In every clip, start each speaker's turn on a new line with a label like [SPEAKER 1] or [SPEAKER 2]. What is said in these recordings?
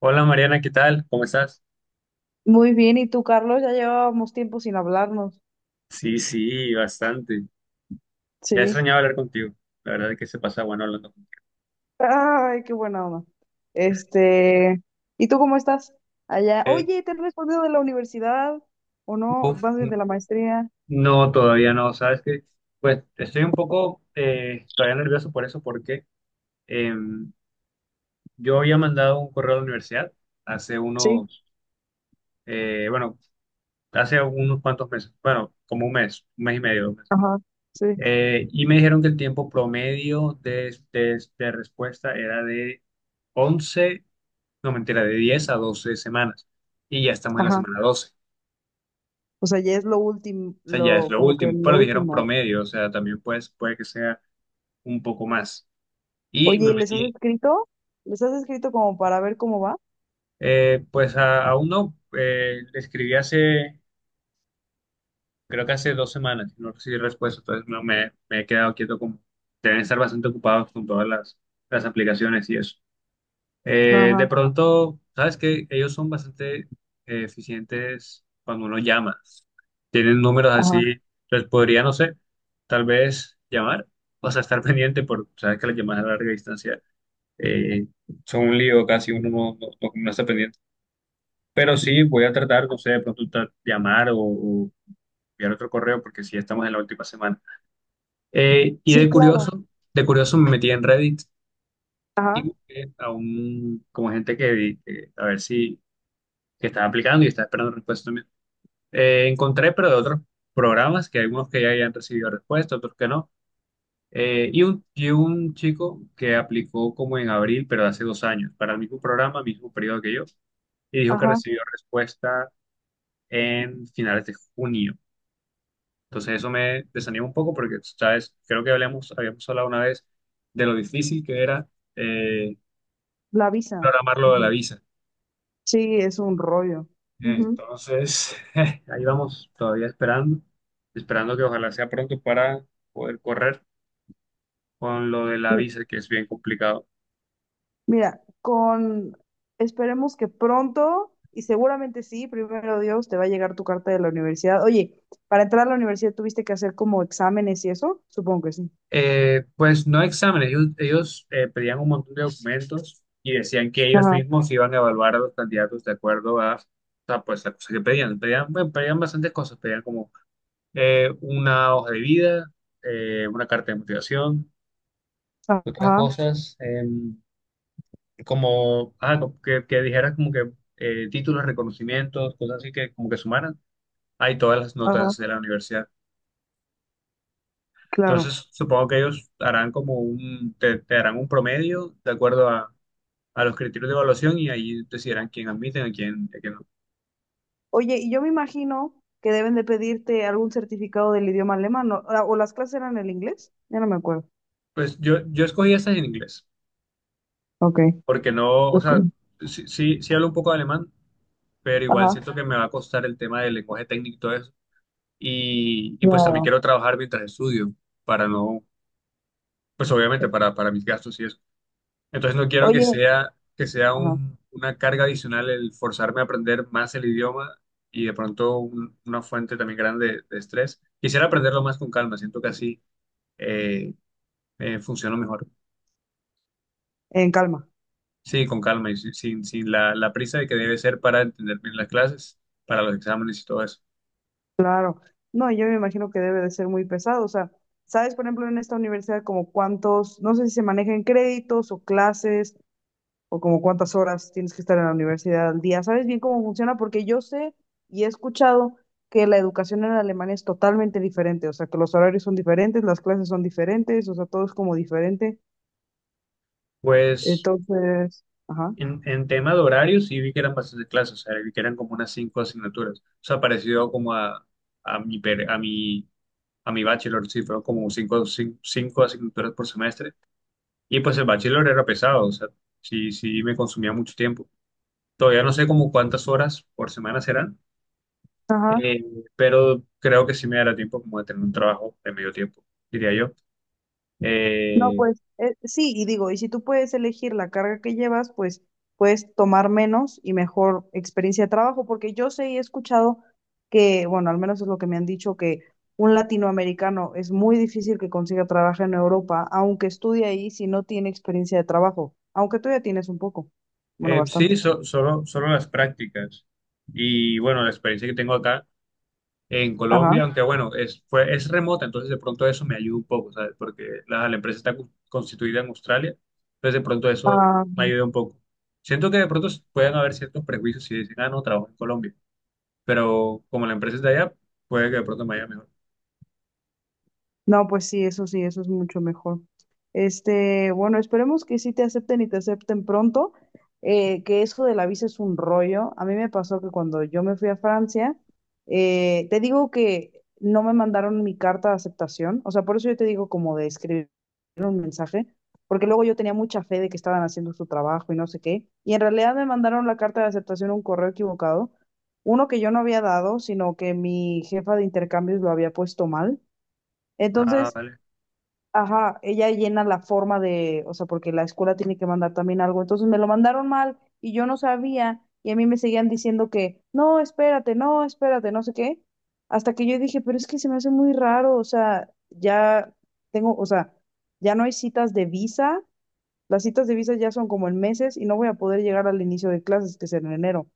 [SPEAKER 1] Hola Mariana, ¿qué tal? ¿Cómo estás?
[SPEAKER 2] Muy bien, ¿y tú, Carlos? Ya llevábamos tiempo sin hablarnos.
[SPEAKER 1] Sí, sí, bastante. Ya
[SPEAKER 2] Sí.
[SPEAKER 1] extrañaba hablar contigo. La verdad es que se pasa bueno hablando contigo.
[SPEAKER 2] Ay, qué buena onda. Este, ¿Y tú cómo estás? Allá.
[SPEAKER 1] Eh,
[SPEAKER 2] Oye, ¿te han respondido de la universidad o no?
[SPEAKER 1] Uf,
[SPEAKER 2] ¿Vas de la maestría?
[SPEAKER 1] no, todavía no. Sabes que, pues, estoy un poco todavía nervioso por eso, porque eh, yo había mandado un correo a la universidad hace
[SPEAKER 2] Sí.
[SPEAKER 1] unos, bueno, hace unos cuantos meses, bueno, como un mes y medio, 2 meses.
[SPEAKER 2] Ajá. Sí.
[SPEAKER 1] Y me dijeron que el tiempo promedio de respuesta era de 11, no mentira, de 10 a 12 semanas. Y ya estamos en la
[SPEAKER 2] Ajá.
[SPEAKER 1] semana 12.
[SPEAKER 2] O sea, ya es lo último,
[SPEAKER 1] O sea, ya es
[SPEAKER 2] lo
[SPEAKER 1] lo
[SPEAKER 2] como que
[SPEAKER 1] último.
[SPEAKER 2] lo
[SPEAKER 1] Pero dijeron
[SPEAKER 2] último.
[SPEAKER 1] promedio, o sea, también pues, puede que sea un poco más. Y me
[SPEAKER 2] Oye, ¿les has
[SPEAKER 1] metí,
[SPEAKER 2] escrito? ¿Les has escrito como para ver cómo va?
[SPEAKER 1] pues a uno, le escribí hace, creo que hace 2 semanas, y no recibí respuesta, entonces no, me he quedado quieto como, deben estar bastante ocupados con todas las aplicaciones y eso. De
[SPEAKER 2] Ajá.
[SPEAKER 1] pronto, sabes que ellos son bastante eficientes cuando uno llama. Tienen números
[SPEAKER 2] Ajá.
[SPEAKER 1] así, les podría, no sé, tal vez llamar, o sea, estar pendiente, porque sabes que las llamadas a larga distancia eh, son un lío, casi uno no está pendiente. Pero sí, voy a tratar, no sé, de pronto llamar o enviar otro correo, porque sí estamos en la última semana. Y
[SPEAKER 2] Sí,
[SPEAKER 1] de
[SPEAKER 2] claro.
[SPEAKER 1] curioso me metí en Reddit y
[SPEAKER 2] Ajá.
[SPEAKER 1] busqué a como gente a ver si que estaba aplicando y estaba esperando respuesta también. Encontré, pero de otros programas, que algunos que ya hayan recibido respuesta, otros que no. Y un chico que aplicó como en abril, pero hace 2 años, para el mismo programa, mismo periodo que yo, y dijo que
[SPEAKER 2] Ajá.
[SPEAKER 1] recibió respuesta en finales de junio. Entonces eso me desanima un poco porque, ¿sabes? Creo que habíamos hablado una vez de lo difícil que era eh,
[SPEAKER 2] La visa.
[SPEAKER 1] programar lo de la
[SPEAKER 2] Ujú.
[SPEAKER 1] visa.
[SPEAKER 2] Sí, es un rollo. Ujú.
[SPEAKER 1] Entonces, ahí vamos, todavía esperando que ojalá sea pronto para poder correr con lo de la visa, que es bien complicado.
[SPEAKER 2] Mira, con esperemos que pronto, y seguramente sí, primero Dios, te va a llegar tu carta de la universidad. Oye, para entrar a la universidad tuviste que hacer como exámenes y eso, supongo que sí.
[SPEAKER 1] Pues no exámenes, ellos pedían un montón de documentos y decían que ellos
[SPEAKER 2] Ajá,
[SPEAKER 1] mismos iban a evaluar a los candidatos de acuerdo a, o sea, pues, la cosa que pedían. Pedían, bueno, pedían bastantes cosas, pedían como una hoja de vida, una carta de motivación, otras
[SPEAKER 2] ajá,
[SPEAKER 1] cosas, como, ah, que dijeras como que títulos, reconocimientos, cosas así que como que sumaran, hay todas las
[SPEAKER 2] ajá,
[SPEAKER 1] notas de la universidad.
[SPEAKER 2] claro.
[SPEAKER 1] Entonces, supongo que ellos harán como te harán un promedio de acuerdo a los criterios de evaluación y ahí decidirán quién admiten, a quién no.
[SPEAKER 2] Oye, y yo me imagino que deben de pedirte algún certificado del idioma alemán, ¿no? Ah, ¿O las clases eran en inglés? Ya no me acuerdo.
[SPEAKER 1] Pues yo escogí estas en inglés,
[SPEAKER 2] Ok,
[SPEAKER 1] porque no, o
[SPEAKER 2] ok.
[SPEAKER 1] sea, sí, sí, sí hablo un poco de alemán, pero igual
[SPEAKER 2] Ajá,
[SPEAKER 1] siento que me va a costar el tema del lenguaje técnico y todo eso. Y pues también
[SPEAKER 2] claro.
[SPEAKER 1] quiero trabajar mientras estudio, para no, pues obviamente para mis gastos y eso. Entonces no quiero que
[SPEAKER 2] Oye,
[SPEAKER 1] sea, que sea
[SPEAKER 2] ajá,
[SPEAKER 1] una carga adicional el forzarme a aprender más el idioma y de pronto una fuente también grande de estrés. Quisiera aprenderlo más con calma, siento que así eh, funciona mejor.
[SPEAKER 2] en calma.
[SPEAKER 1] Sí, con calma y sin la prisa de que debe ser para entender bien las clases, para los exámenes y todo eso.
[SPEAKER 2] Claro, no, yo me imagino que debe de ser muy pesado, o sea, ¿sabes, por ejemplo, en esta universidad como cuántos, no sé si se manejan créditos o clases o como cuántas horas tienes que estar en la universidad al día? ¿Sabes bien cómo funciona? Porque yo sé y he escuchado que la educación en Alemania es totalmente diferente, o sea, que los horarios son diferentes, las clases son diferentes, o sea, todo es como diferente,
[SPEAKER 1] Pues
[SPEAKER 2] entonces, ajá,
[SPEAKER 1] en tema de horarios sí vi que eran bastantes clases, o sea, vi que eran como unas cinco asignaturas, o sea, parecido como a mi, per- a mi bachelor, sí, fueron como cinco asignaturas por semestre. Y pues el bachelor era pesado, o sea, sí, sí me consumía mucho tiempo. Todavía no sé como cuántas horas por semana serán,
[SPEAKER 2] ajá.
[SPEAKER 1] eh, pero creo que sí me dará tiempo como de tener un trabajo de medio tiempo, diría yo.
[SPEAKER 2] No,
[SPEAKER 1] Eh,
[SPEAKER 2] pues sí, y digo, y si tú puedes elegir la carga que llevas, pues puedes tomar menos y mejor experiencia de trabajo, porque yo sé y he escuchado que, bueno, al menos es lo que me han dicho, que un latinoamericano es muy difícil que consiga trabajo en Europa, aunque estudie ahí, si no tiene experiencia de trabajo, aunque tú ya tienes un poco, bueno, bastante.
[SPEAKER 1] sí, solo las prácticas. Y bueno, la experiencia que tengo acá en
[SPEAKER 2] Ajá.
[SPEAKER 1] Colombia, aunque bueno, es remota, entonces de pronto eso me ayuda un poco, ¿sabes? Porque la empresa está constituida en Australia, entonces de pronto eso
[SPEAKER 2] Ah,
[SPEAKER 1] me ayuda un poco. Siento que de pronto pueden haber ciertos prejuicios si dicen, ah, no, trabajo en Colombia, pero como la empresa es de allá, puede que de pronto me vaya mejor.
[SPEAKER 2] no, pues sí, eso es mucho mejor. Bueno, esperemos que sí te acepten y te acepten pronto, que eso de la visa es un rollo. A mí me pasó que cuando yo me fui a Francia, te digo que no me mandaron mi carta de aceptación, o sea, por eso yo te digo como de escribir un mensaje, porque luego yo tenía mucha fe de que estaban haciendo su trabajo y no sé qué, y en realidad me mandaron la carta de aceptación un correo equivocado, uno que yo no había dado, sino que mi jefa de intercambios lo había puesto mal.
[SPEAKER 1] Ah,
[SPEAKER 2] Entonces,
[SPEAKER 1] vale.
[SPEAKER 2] ajá, ella llena la forma de, o sea, porque la escuela tiene que mandar también algo. Entonces me lo mandaron mal y yo no sabía y a mí me seguían diciendo que, no, espérate, no, espérate, no sé qué. Hasta que yo dije, pero es que se me hace muy raro, o sea, ya tengo, o sea, ya no hay citas de visa, las citas de visa ya son como en meses y no voy a poder llegar al inicio de clases, que es en enero.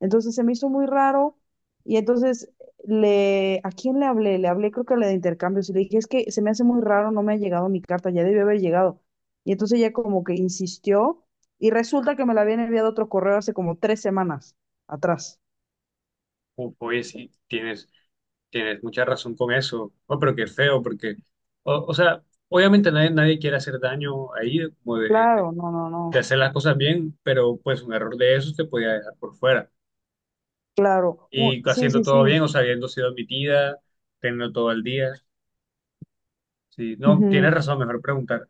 [SPEAKER 2] Entonces se me hizo muy raro y entonces le, ¿a quién le hablé? Le hablé creo que a la de intercambios y le dije, es que se me hace muy raro, no me ha llegado mi carta, ya debió haber llegado. Y entonces ella como que insistió y resulta que me la habían enviado otro correo hace como 3 semanas atrás.
[SPEAKER 1] Uf, oye, sí, tienes mucha razón con eso. Oh, pero qué feo, porque, o sea, obviamente nadie quiere hacer daño ahí, como de, de
[SPEAKER 2] Claro, no, no,
[SPEAKER 1] de
[SPEAKER 2] no,
[SPEAKER 1] hacer las cosas bien, pero pues un error de esos te podía dejar por fuera.
[SPEAKER 2] claro.
[SPEAKER 1] Y
[SPEAKER 2] Sí,
[SPEAKER 1] haciendo
[SPEAKER 2] sí,
[SPEAKER 1] todo
[SPEAKER 2] sí.
[SPEAKER 1] bien, o sea, habiendo sido admitida, teniendo todo el día. Sí, no, tienes
[SPEAKER 2] Ujú.
[SPEAKER 1] razón, mejor preguntar.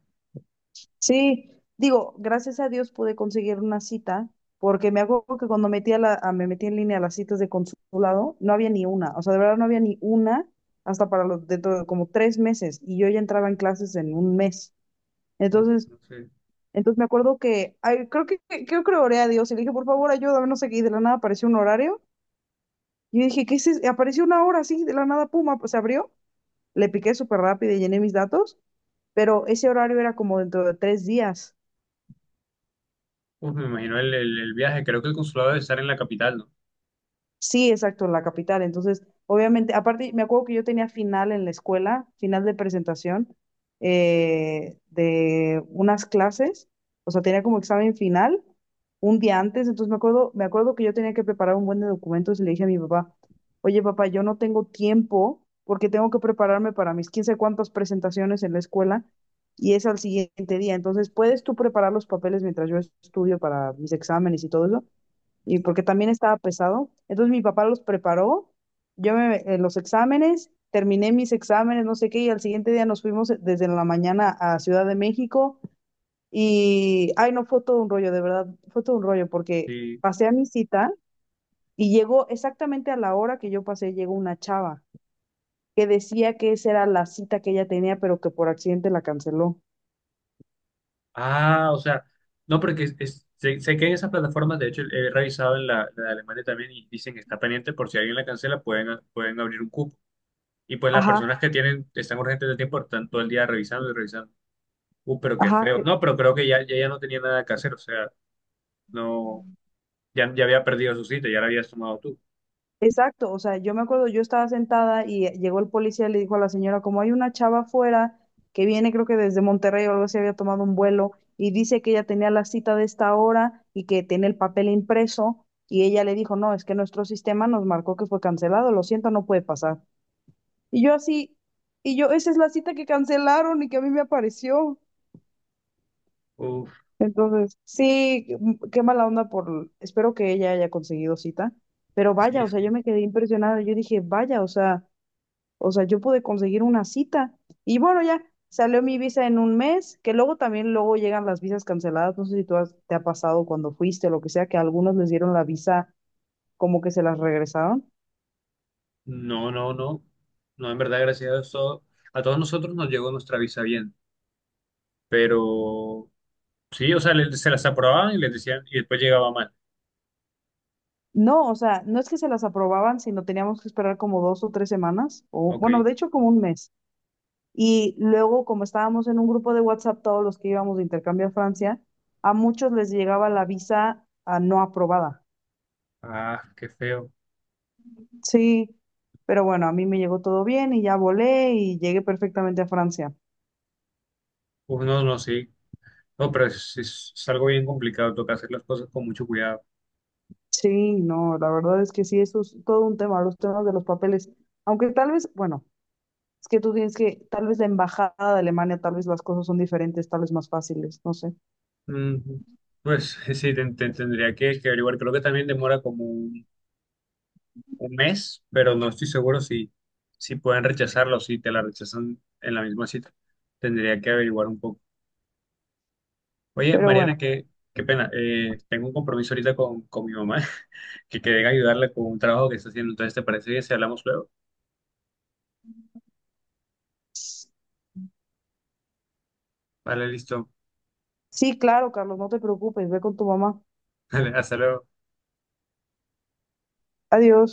[SPEAKER 2] Sí, digo, gracias a Dios pude conseguir una cita, porque me acuerdo que cuando metí me metí en línea a las citas de consulado, no había ni una, o sea, de verdad no había ni una hasta para los, dentro de como 3 meses, y yo ya entraba en clases en un mes.
[SPEAKER 1] Uf,
[SPEAKER 2] Entonces,
[SPEAKER 1] no sé.
[SPEAKER 2] entonces me acuerdo que, ay, creo que le oré a Dios y le dije, por favor, ayúdame, no sé qué, y de la nada apareció un horario, y yo dije, ¿qué es eso? Apareció una hora así, de la nada, puma, pues se abrió, le piqué súper rápido y llené mis datos, pero ese horario era como dentro de 3 días.
[SPEAKER 1] Uf, me imagino el viaje. Creo que el consulado debe estar en la capital, ¿no?
[SPEAKER 2] Sí, exacto, en la capital. Entonces, obviamente, aparte, me acuerdo que yo tenía final en la escuela, final de presentación de unas clases, o sea, tenía como examen final un día antes, entonces me acuerdo, que yo tenía que preparar un buen de documentos y le dije a mi papá, oye papá, yo no tengo tiempo porque tengo que prepararme para mis quién sabe cuántas presentaciones en la escuela y es al siguiente día, entonces, ¿puedes tú preparar los papeles mientras yo estudio para mis exámenes y todo eso? Y porque también estaba pesado. Entonces mi papá los preparó, yo me en los exámenes, terminé mis exámenes, no sé qué, y al siguiente día nos fuimos desde la mañana a Ciudad de México y, ay, no, fue todo un rollo, de verdad, fue todo un rollo porque
[SPEAKER 1] Sí.
[SPEAKER 2] pasé a mi cita y llegó exactamente a la hora que yo pasé, llegó una chava que decía que esa era la cita que ella tenía, pero que por accidente la canceló.
[SPEAKER 1] Ah, o sea, no, porque sé que en esas plataformas, de hecho, he revisado en la de Alemania también y dicen que está pendiente por si alguien la cancela, pueden abrir un cupo. Y pues las
[SPEAKER 2] Ajá,
[SPEAKER 1] personas que están urgentes de tiempo, están todo el día revisando y revisando. Pero qué
[SPEAKER 2] ajá.
[SPEAKER 1] feo. No, pero creo que ya no tenía nada que hacer, o sea, no. Ya había perdido su cita, ya la habías tomado tú.
[SPEAKER 2] Exacto, o sea, yo me acuerdo, yo estaba sentada y llegó el policía y le dijo a la señora, como hay una chava afuera que viene creo que desde Monterrey o algo así, había tomado un vuelo y dice que ella tenía la cita de esta hora y que tiene el papel impreso y ella le dijo, no, es que nuestro sistema nos marcó que fue cancelado, lo siento, no puede pasar. Y yo así, y yo, esa es la cita que cancelaron y que a mí me apareció.
[SPEAKER 1] Uf,
[SPEAKER 2] Entonces, sí, qué mala onda por, espero que ella haya conseguido cita, pero vaya,
[SPEAKER 1] sí,
[SPEAKER 2] o sea, yo
[SPEAKER 1] sí.
[SPEAKER 2] me quedé impresionada, yo dije, vaya, o sea, yo pude conseguir una cita. Y bueno, ya salió mi visa en un mes, que luego también luego llegan las visas canceladas. No sé si te ha pasado cuando fuiste o lo que sea, que a algunos les dieron la visa como que se las regresaron.
[SPEAKER 1] No, no, no. No, en verdad, gracias a Dios, a todos nosotros nos llegó nuestra visa bien. Pero sí, o sea, se las aprobaban y les decían, y después llegaba mal.
[SPEAKER 2] No, o sea, no es que se las aprobaban, sino teníamos que esperar como 2 o 3 semanas, o
[SPEAKER 1] Ok.
[SPEAKER 2] bueno, de hecho como un mes. Y luego, como estábamos en un grupo de WhatsApp, todos los que íbamos de intercambio a Francia, a muchos les llegaba la visa no aprobada.
[SPEAKER 1] Ah, qué feo.
[SPEAKER 2] Sí, pero bueno, a mí me llegó todo bien y ya volé y llegué perfectamente a Francia.
[SPEAKER 1] Uf, no, no, sí. No, pero es algo bien complicado, toca hacer las cosas con mucho cuidado.
[SPEAKER 2] Sí, no, la verdad es que sí, eso es todo un tema, los temas de los papeles. Aunque tal vez, bueno, es que tú tienes que, tal vez la embajada de Alemania, tal vez las cosas son diferentes, tal vez más fáciles, no sé.
[SPEAKER 1] Ujú. Pues sí, tendría que averiguar. Creo que también demora como un mes, pero no estoy seguro si pueden rechazarlo, si te la rechazan en la misma cita. Tendría que averiguar un poco. Oye,
[SPEAKER 2] Pero
[SPEAKER 1] Mariana,
[SPEAKER 2] bueno,
[SPEAKER 1] qué pena. Tengo un compromiso ahorita con mi mamá, que quedé en ayudarle con un trabajo que está haciendo. Entonces, ¿te parece bien si hablamos luego? Vale, listo.
[SPEAKER 2] sí, claro, Carlos, no te preocupes, ve con tu mamá.
[SPEAKER 1] Vale, hasta luego.
[SPEAKER 2] Adiós.